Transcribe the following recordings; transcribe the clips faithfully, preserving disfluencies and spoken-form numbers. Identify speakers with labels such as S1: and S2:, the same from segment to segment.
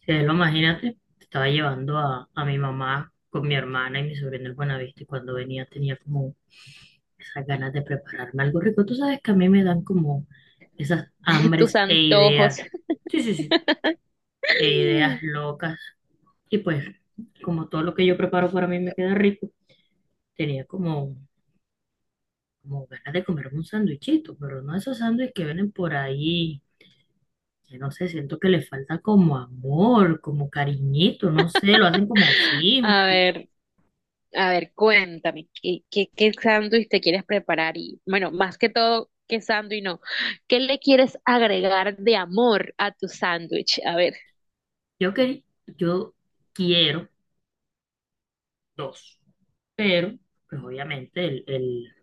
S1: Sí, lo imagínate, estaba llevando a, a mi mamá con mi hermana y mi sobrino el Buenavista y cuando venía tenía como esas ganas de prepararme algo rico. Tú sabes que a mí me dan como esas
S2: Tus
S1: hambres e
S2: antojos.
S1: ideas, sí, sí, sí, e ideas locas. Y pues como todo lo que yo preparo para mí me queda rico, tenía como, como ganas de comerme un sándwichito, pero no esos sándwiches que vienen por ahí. Que No sé, siento que le falta como amor, como cariñito, no sé, lo hacen como
S2: A
S1: simple.
S2: ver, a ver, cuéntame, ¿qué, qué, qué sándwich te quieres preparar? Y bueno, más que todo, ¿qué sándwich no? ¿Qué le quieres agregar de amor a tu sándwich? A ver,
S1: Yo, quer- yo quiero dos, pero pues obviamente el, el-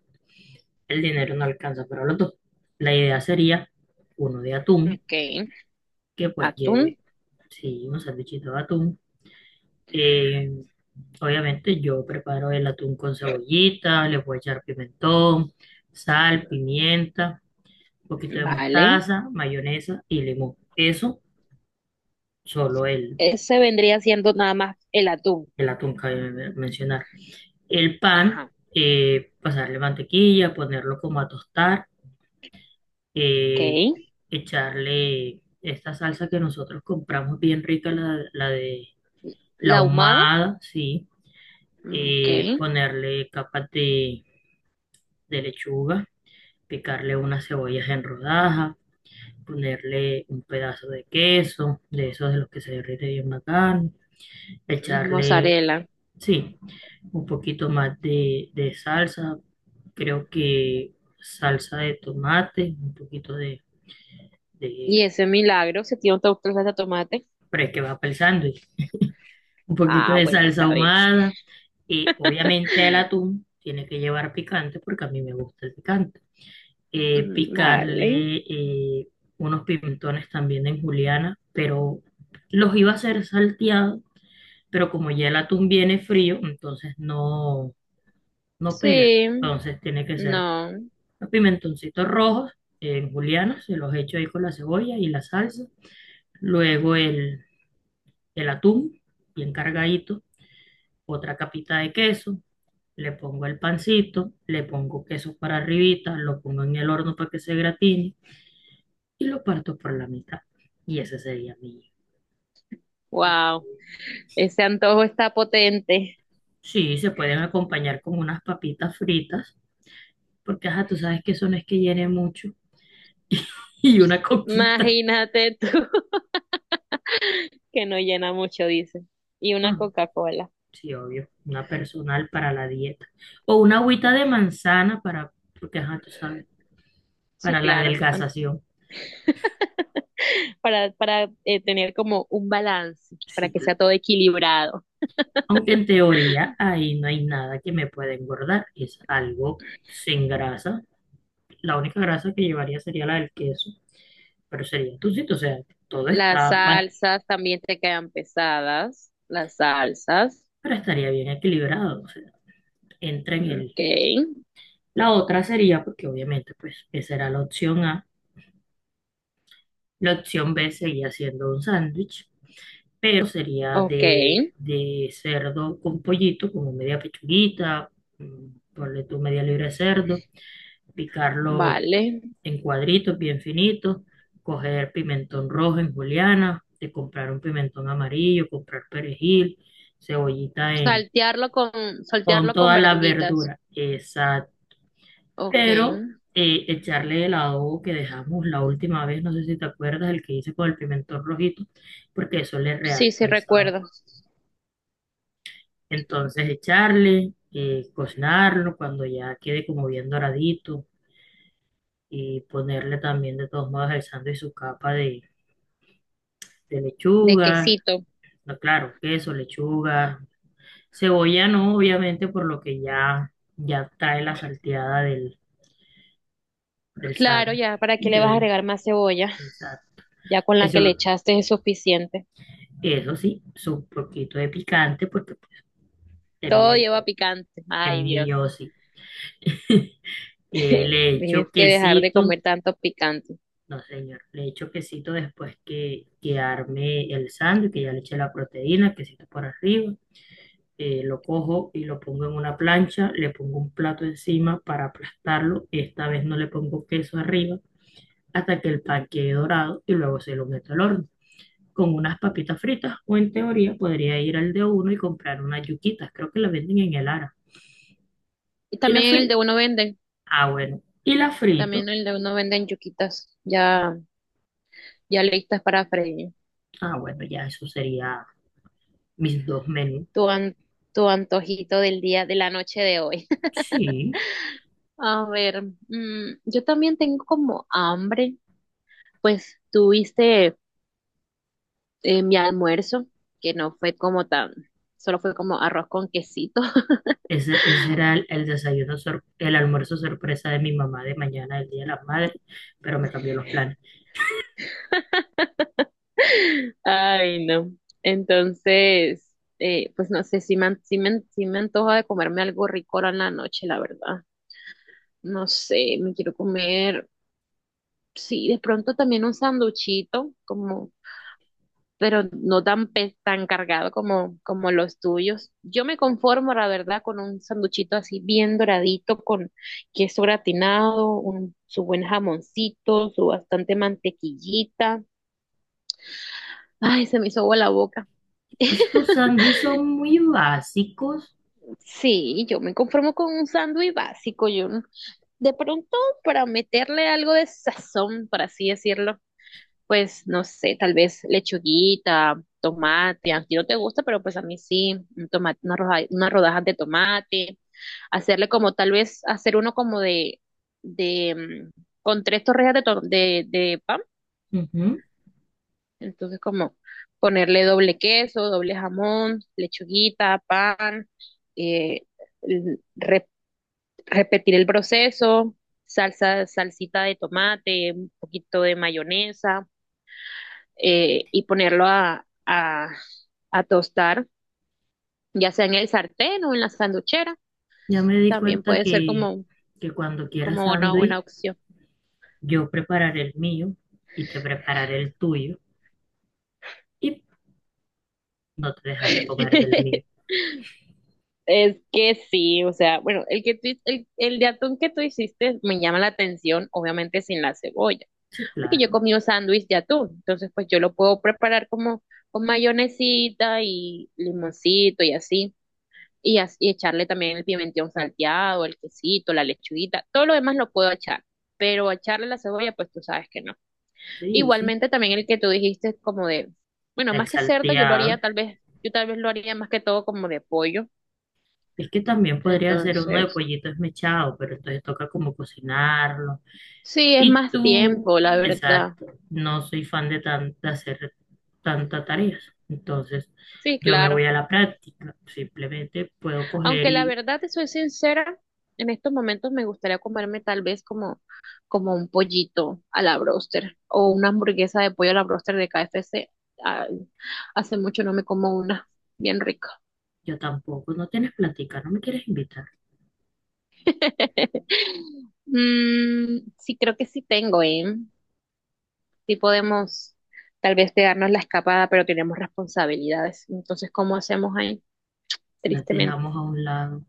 S1: el dinero no alcanza para los dos. La idea sería uno de atún,
S2: ok,
S1: que pues
S2: atún,
S1: lleve, sí, un sandwichito de atún. Eh, obviamente yo preparo el atún con cebollita, le voy a echar pimentón, sal, pimienta, un poquito de
S2: vale.
S1: mostaza, mayonesa y limón. Eso, solo el,
S2: Ese vendría siendo nada más el atún.
S1: el atún que acabo de mencionar. El pan,
S2: Ajá,
S1: eh, pasarle mantequilla, ponerlo como a tostar, eh,
S2: ok.
S1: echarle esta salsa que nosotros compramos bien rica, la, la de la
S2: La ahumada,
S1: ahumada, sí,
S2: mm, ok.
S1: eh, ponerle capas de, de lechuga, picarle unas cebollas en rodajas, ponerle un pedazo de queso, de esos de los que se derrite bien bacán, echarle
S2: Mozzarella.
S1: sí, un poquito más de, de salsa, creo que salsa de tomate, un poquito de, de,
S2: Y ese milagro, si tiene otra salsa de tomate.
S1: pero es que va para el sándwich, un poquito
S2: Ah,
S1: de
S2: bueno,
S1: salsa
S2: está bien.
S1: ahumada y obviamente el atún tiene que llevar picante porque a mí me gusta el picante. Eh,
S2: Mm, vale.
S1: picarle eh, unos pimentones también en juliana, pero los iba a hacer salteados, pero como ya el atún viene frío, entonces no, no pega,
S2: Sí.
S1: entonces tiene que ser
S2: No.
S1: Los pimentoncitos rojos en juliana, se los echo ahí con la cebolla y la salsa. Luego el, el atún, bien cargadito. Otra capita de queso. Le pongo el pancito, le pongo queso para arribita, lo pongo en el horno para que se gratine y lo parto por la mitad. Y ese sería mi.
S2: Wow. Ese antojo está potente.
S1: Sí, se pueden acompañar con unas papitas fritas, porque ajá, tú sabes que eso no es que llene mucho. Y una coquita.
S2: Imagínate tú, que no llena mucho, dice. Y una
S1: No,
S2: Coca-Cola.
S1: sí, obvio, una personal para la dieta. O una agüita de manzana para, porque ajá, tú sabes,
S2: Sí,
S1: para la
S2: claro. An-
S1: adelgazación.
S2: Para, para eh, tener como un balance, para
S1: Sí,
S2: que sea todo
S1: claro.
S2: equilibrado.
S1: Aunque en teoría ahí no hay nada que me pueda engordar, es algo sin grasa. La única grasa que llevaría sería la del queso, pero sería tucito, o sea, todo
S2: Las
S1: está, ba-
S2: salsas también te quedan pesadas. Las salsas.
S1: pero estaría bien equilibrado, o sea, entra en el...
S2: Ok.
S1: La otra sería, porque obviamente, pues, esa era la opción A. La opción be seguía siendo un sándwich, pero sería
S2: Ok.
S1: de, de cerdo con pollito, como media pechuguita, mm, ponle tú media libra de cerdo, picarlo
S2: Vale.
S1: en cuadritos bien finitos, coger pimentón rojo en juliana, de comprar un pimentón amarillo, comprar perejil, cebollita en,
S2: Saltearlo con,
S1: con
S2: saltearlo con
S1: todas las
S2: verduritas.
S1: verduras, exacto,
S2: Ok.
S1: pero eh, echarle el adobo que dejamos la última vez, no sé si te acuerdas, el que hice con el pimentón rojito, porque eso le
S2: Sí, sí
S1: realza el sabor.
S2: recuerdo.
S1: Entonces echarle, eh, cocinarlo cuando ya quede como bien doradito y ponerle también de todos modos el sándwich su capa de, de
S2: De
S1: lechuga,
S2: quesito.
S1: no, claro, queso, lechuga, cebolla no, obviamente por lo que ya, ya trae la salteada del, del
S2: Claro,
S1: sándwich,
S2: ya, ¿para qué le vas a
S1: del,
S2: agregar más cebolla?
S1: del sándwich.
S2: Ya con la que le
S1: Eso,
S2: echaste es suficiente.
S1: eso sí, su poquito de picante porque es mío,
S2: Todo lleva picante.
S1: es
S2: Ay, Dios.
S1: mío sí. Eh, le echo
S2: Tienes que dejar de
S1: quesito.
S2: comer tanto picante.
S1: No, señor. Le echo quesito después que, que arme el sándwich, que ya le eché la proteína, quesito por arriba. Eh, lo cojo y lo pongo en una plancha, le pongo un plato encima para aplastarlo. Esta vez no le pongo queso arriba hasta que el pan quede dorado y luego se lo meto al horno. Con unas papitas fritas, o en teoría podría ir al de uno y comprar unas yuquitas. Creo que las venden en el Ara.
S2: Y
S1: Y las
S2: también en el
S1: frito.
S2: de uno venden,
S1: Ah, bueno. Y las frito.
S2: también en el de uno venden yuquitas, ya, ya listas para freír.
S1: Ah, bueno, ya eso sería mis dos menús.
S2: Tu, an- Tu antojito del día, de la noche de hoy.
S1: Sí.
S2: A ver, mm, yo también tengo como hambre, pues tuviste eh, mi almuerzo, que no fue como tan, solo fue como arroz con quesito.
S1: Ese, ese era el, el desayuno, sor- el almuerzo sorpresa de mi mamá de mañana, el Día de las Madres, pero me cambió los planes.
S2: Ay, no. Entonces, eh, pues no sé, si me, an- sí me, an- sí me antoja de comerme algo rico ahora en la noche, la verdad. No sé, me quiero comer. Sí, de pronto también un sanduchito, como, pero no tan, pe- tan cargado como, como los tuyos. Yo me conformo, la verdad, con un sanduchito así bien doradito, con queso gratinado, un, su buen jamoncito, su bastante mantequillita. Ay, se me hizo agua la boca.
S1: Estos sándwiches son muy básicos.
S2: Sí, yo me conformo con un sándwich básico, yo no- de pronto para meterle algo de sazón, por así decirlo. Pues no sé, tal vez lechuguita, tomate, a ti no te gusta, pero pues a mí sí, un tomate, una rodaja, unas rodajas de tomate, hacerle como tal vez hacer uno como de, de, mm, con tres torrejas de, to- de, de pan,
S1: Ujú.
S2: entonces como ponerle doble queso, doble jamón, lechuguita, pan, eh, l- re- repetir el proceso, salsa, salsita de tomate, un poquito de mayonesa eh, y ponerlo a, a, a, tostar, ya sea en el sartén o en la sanduchera,
S1: Ya me di
S2: también
S1: cuenta
S2: puede ser
S1: que,
S2: como,
S1: que cuando quieras
S2: como una buena
S1: sándwich,
S2: opción.
S1: yo prepararé el mío y te prepararé el tuyo y no te dejaré comer del mío.
S2: Es que sí, o sea, bueno, el que tú, el, el, de atún que tú hiciste me llama la atención, obviamente sin la cebolla,
S1: Sí,
S2: porque yo
S1: claro,
S2: comí un sándwich de atún, entonces pues yo lo puedo preparar como con mayonesita y limoncito y así. Y, as- y echarle también el pimentón salteado, el quesito, la lechuguita, todo lo demás lo puedo echar, pero echarle la cebolla, pues tú sabes que no.
S1: sí, yo sé.
S2: Igualmente también el que tú dijiste como de, bueno,
S1: El
S2: más que cerdo, yo lo haría
S1: salteado.
S2: tal vez, yo tal vez lo haría más que todo como de pollo,
S1: Es que también podría ser uno de
S2: entonces,
S1: pollito esmechado, pero entonces toca como cocinarlo.
S2: sí, es
S1: Y
S2: más
S1: tú,
S2: tiempo, la verdad.
S1: exacto, no soy fan de, tan- de hacer tantas tareas. Entonces,
S2: Sí,
S1: yo me
S2: claro.
S1: voy a la práctica. Simplemente puedo coger
S2: Aunque la
S1: y
S2: verdad, te soy sincera, en estos momentos me gustaría comerme tal vez como, como un pollito a la broster o una hamburguesa de pollo a la broster de K F C. Ay, hace mucho no me como una, bien rico.
S1: yo tampoco. No tienes plática, no me quieres invitar.
S2: Mm, sí, creo que sí tengo, ¿eh? Sí podemos tal vez pegarnos la escapada, pero tenemos responsabilidades. Entonces, ¿cómo hacemos ahí?
S1: Las
S2: Tristemente,
S1: dejamos a un lado,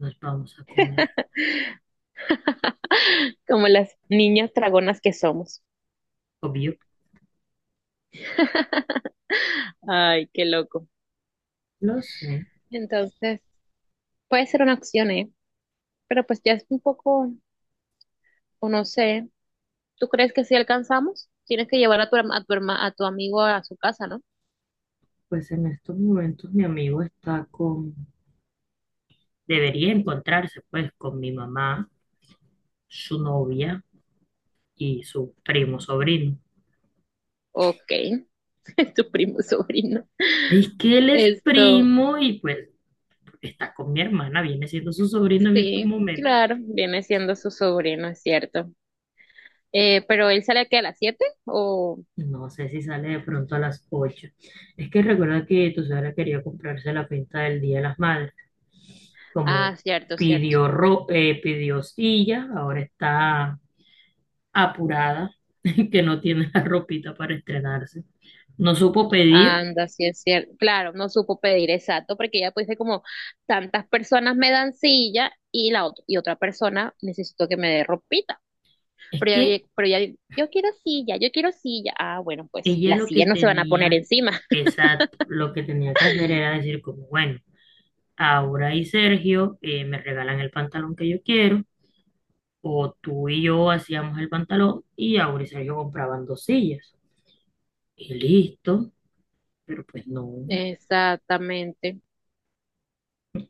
S1: nos vamos a comer.
S2: como las niñas dragonas que somos.
S1: Obvio,
S2: Ay, qué loco.
S1: lo sé.
S2: Entonces, puede ser una opción, ¿eh? Pero pues ya es un poco, o no sé, ¿tú crees que si alcanzamos? Tienes que llevar a tu, herma- a tu, herma- a tu amigo a su casa, ¿no?
S1: Pues en estos momentos mi amigo está con... Debería encontrarse pues con mi mamá, su novia y su primo sobrino.
S2: Ok, tu primo sobrino.
S1: Es que él es
S2: Esto,
S1: primo y pues porque está con mi hermana, viene siendo su sobrino en estos
S2: sí,
S1: momentos.
S2: claro, viene siendo su sobrino, es cierto. Eh, pero él sale aquí a las siete o...
S1: No sé si sale de pronto a las ocho. Es que recuerda que tu suegra quería comprarse la pinta del Día de las Madres.
S2: Ah,
S1: Como
S2: cierto, cierto.
S1: pidió, ro eh, pidió silla, ahora está apurada, que no tiene la ropita para estrenarse. No supo pedir.
S2: Anda, sí es cierto. Claro, no supo pedir exacto porque ya pues dice como tantas personas me dan silla y la otra y otra persona necesito que me dé ropita.
S1: Es
S2: Pero,
S1: que
S2: ya- pero ya, yo quiero silla, yo quiero silla. Ah, bueno, pues
S1: ella
S2: las
S1: lo que
S2: sillas no se van a poner
S1: tenía,
S2: encima.
S1: exacto, lo que tenía que hacer era decir como, bueno, Aura y Sergio eh, me regalan el pantalón que yo quiero. O tú y yo hacíamos el pantalón y Aura y Sergio compraban dos sillas. Y listo, pero pues no.
S2: Exactamente.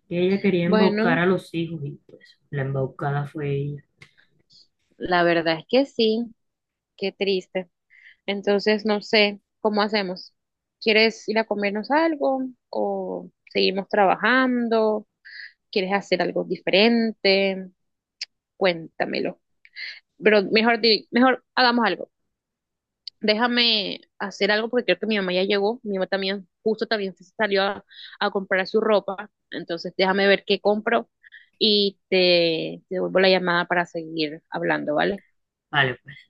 S1: Ella quería embaucar
S2: Bueno,
S1: a los hijos y pues la embaucada fue ella.
S2: la verdad es que sí, qué triste. Entonces, no sé, ¿cómo hacemos? ¿Quieres ir a comernos algo o seguimos trabajando? ¿Quieres hacer algo diferente? Cuéntamelo. Pero mejor, di- mejor hagamos algo. Déjame hacer algo porque creo que mi mamá ya llegó, mi mamá también, justo también se salió a, a comprar su ropa, entonces déjame ver qué compro y te te devuelvo la llamada para seguir hablando, ¿vale?
S1: Vale, pues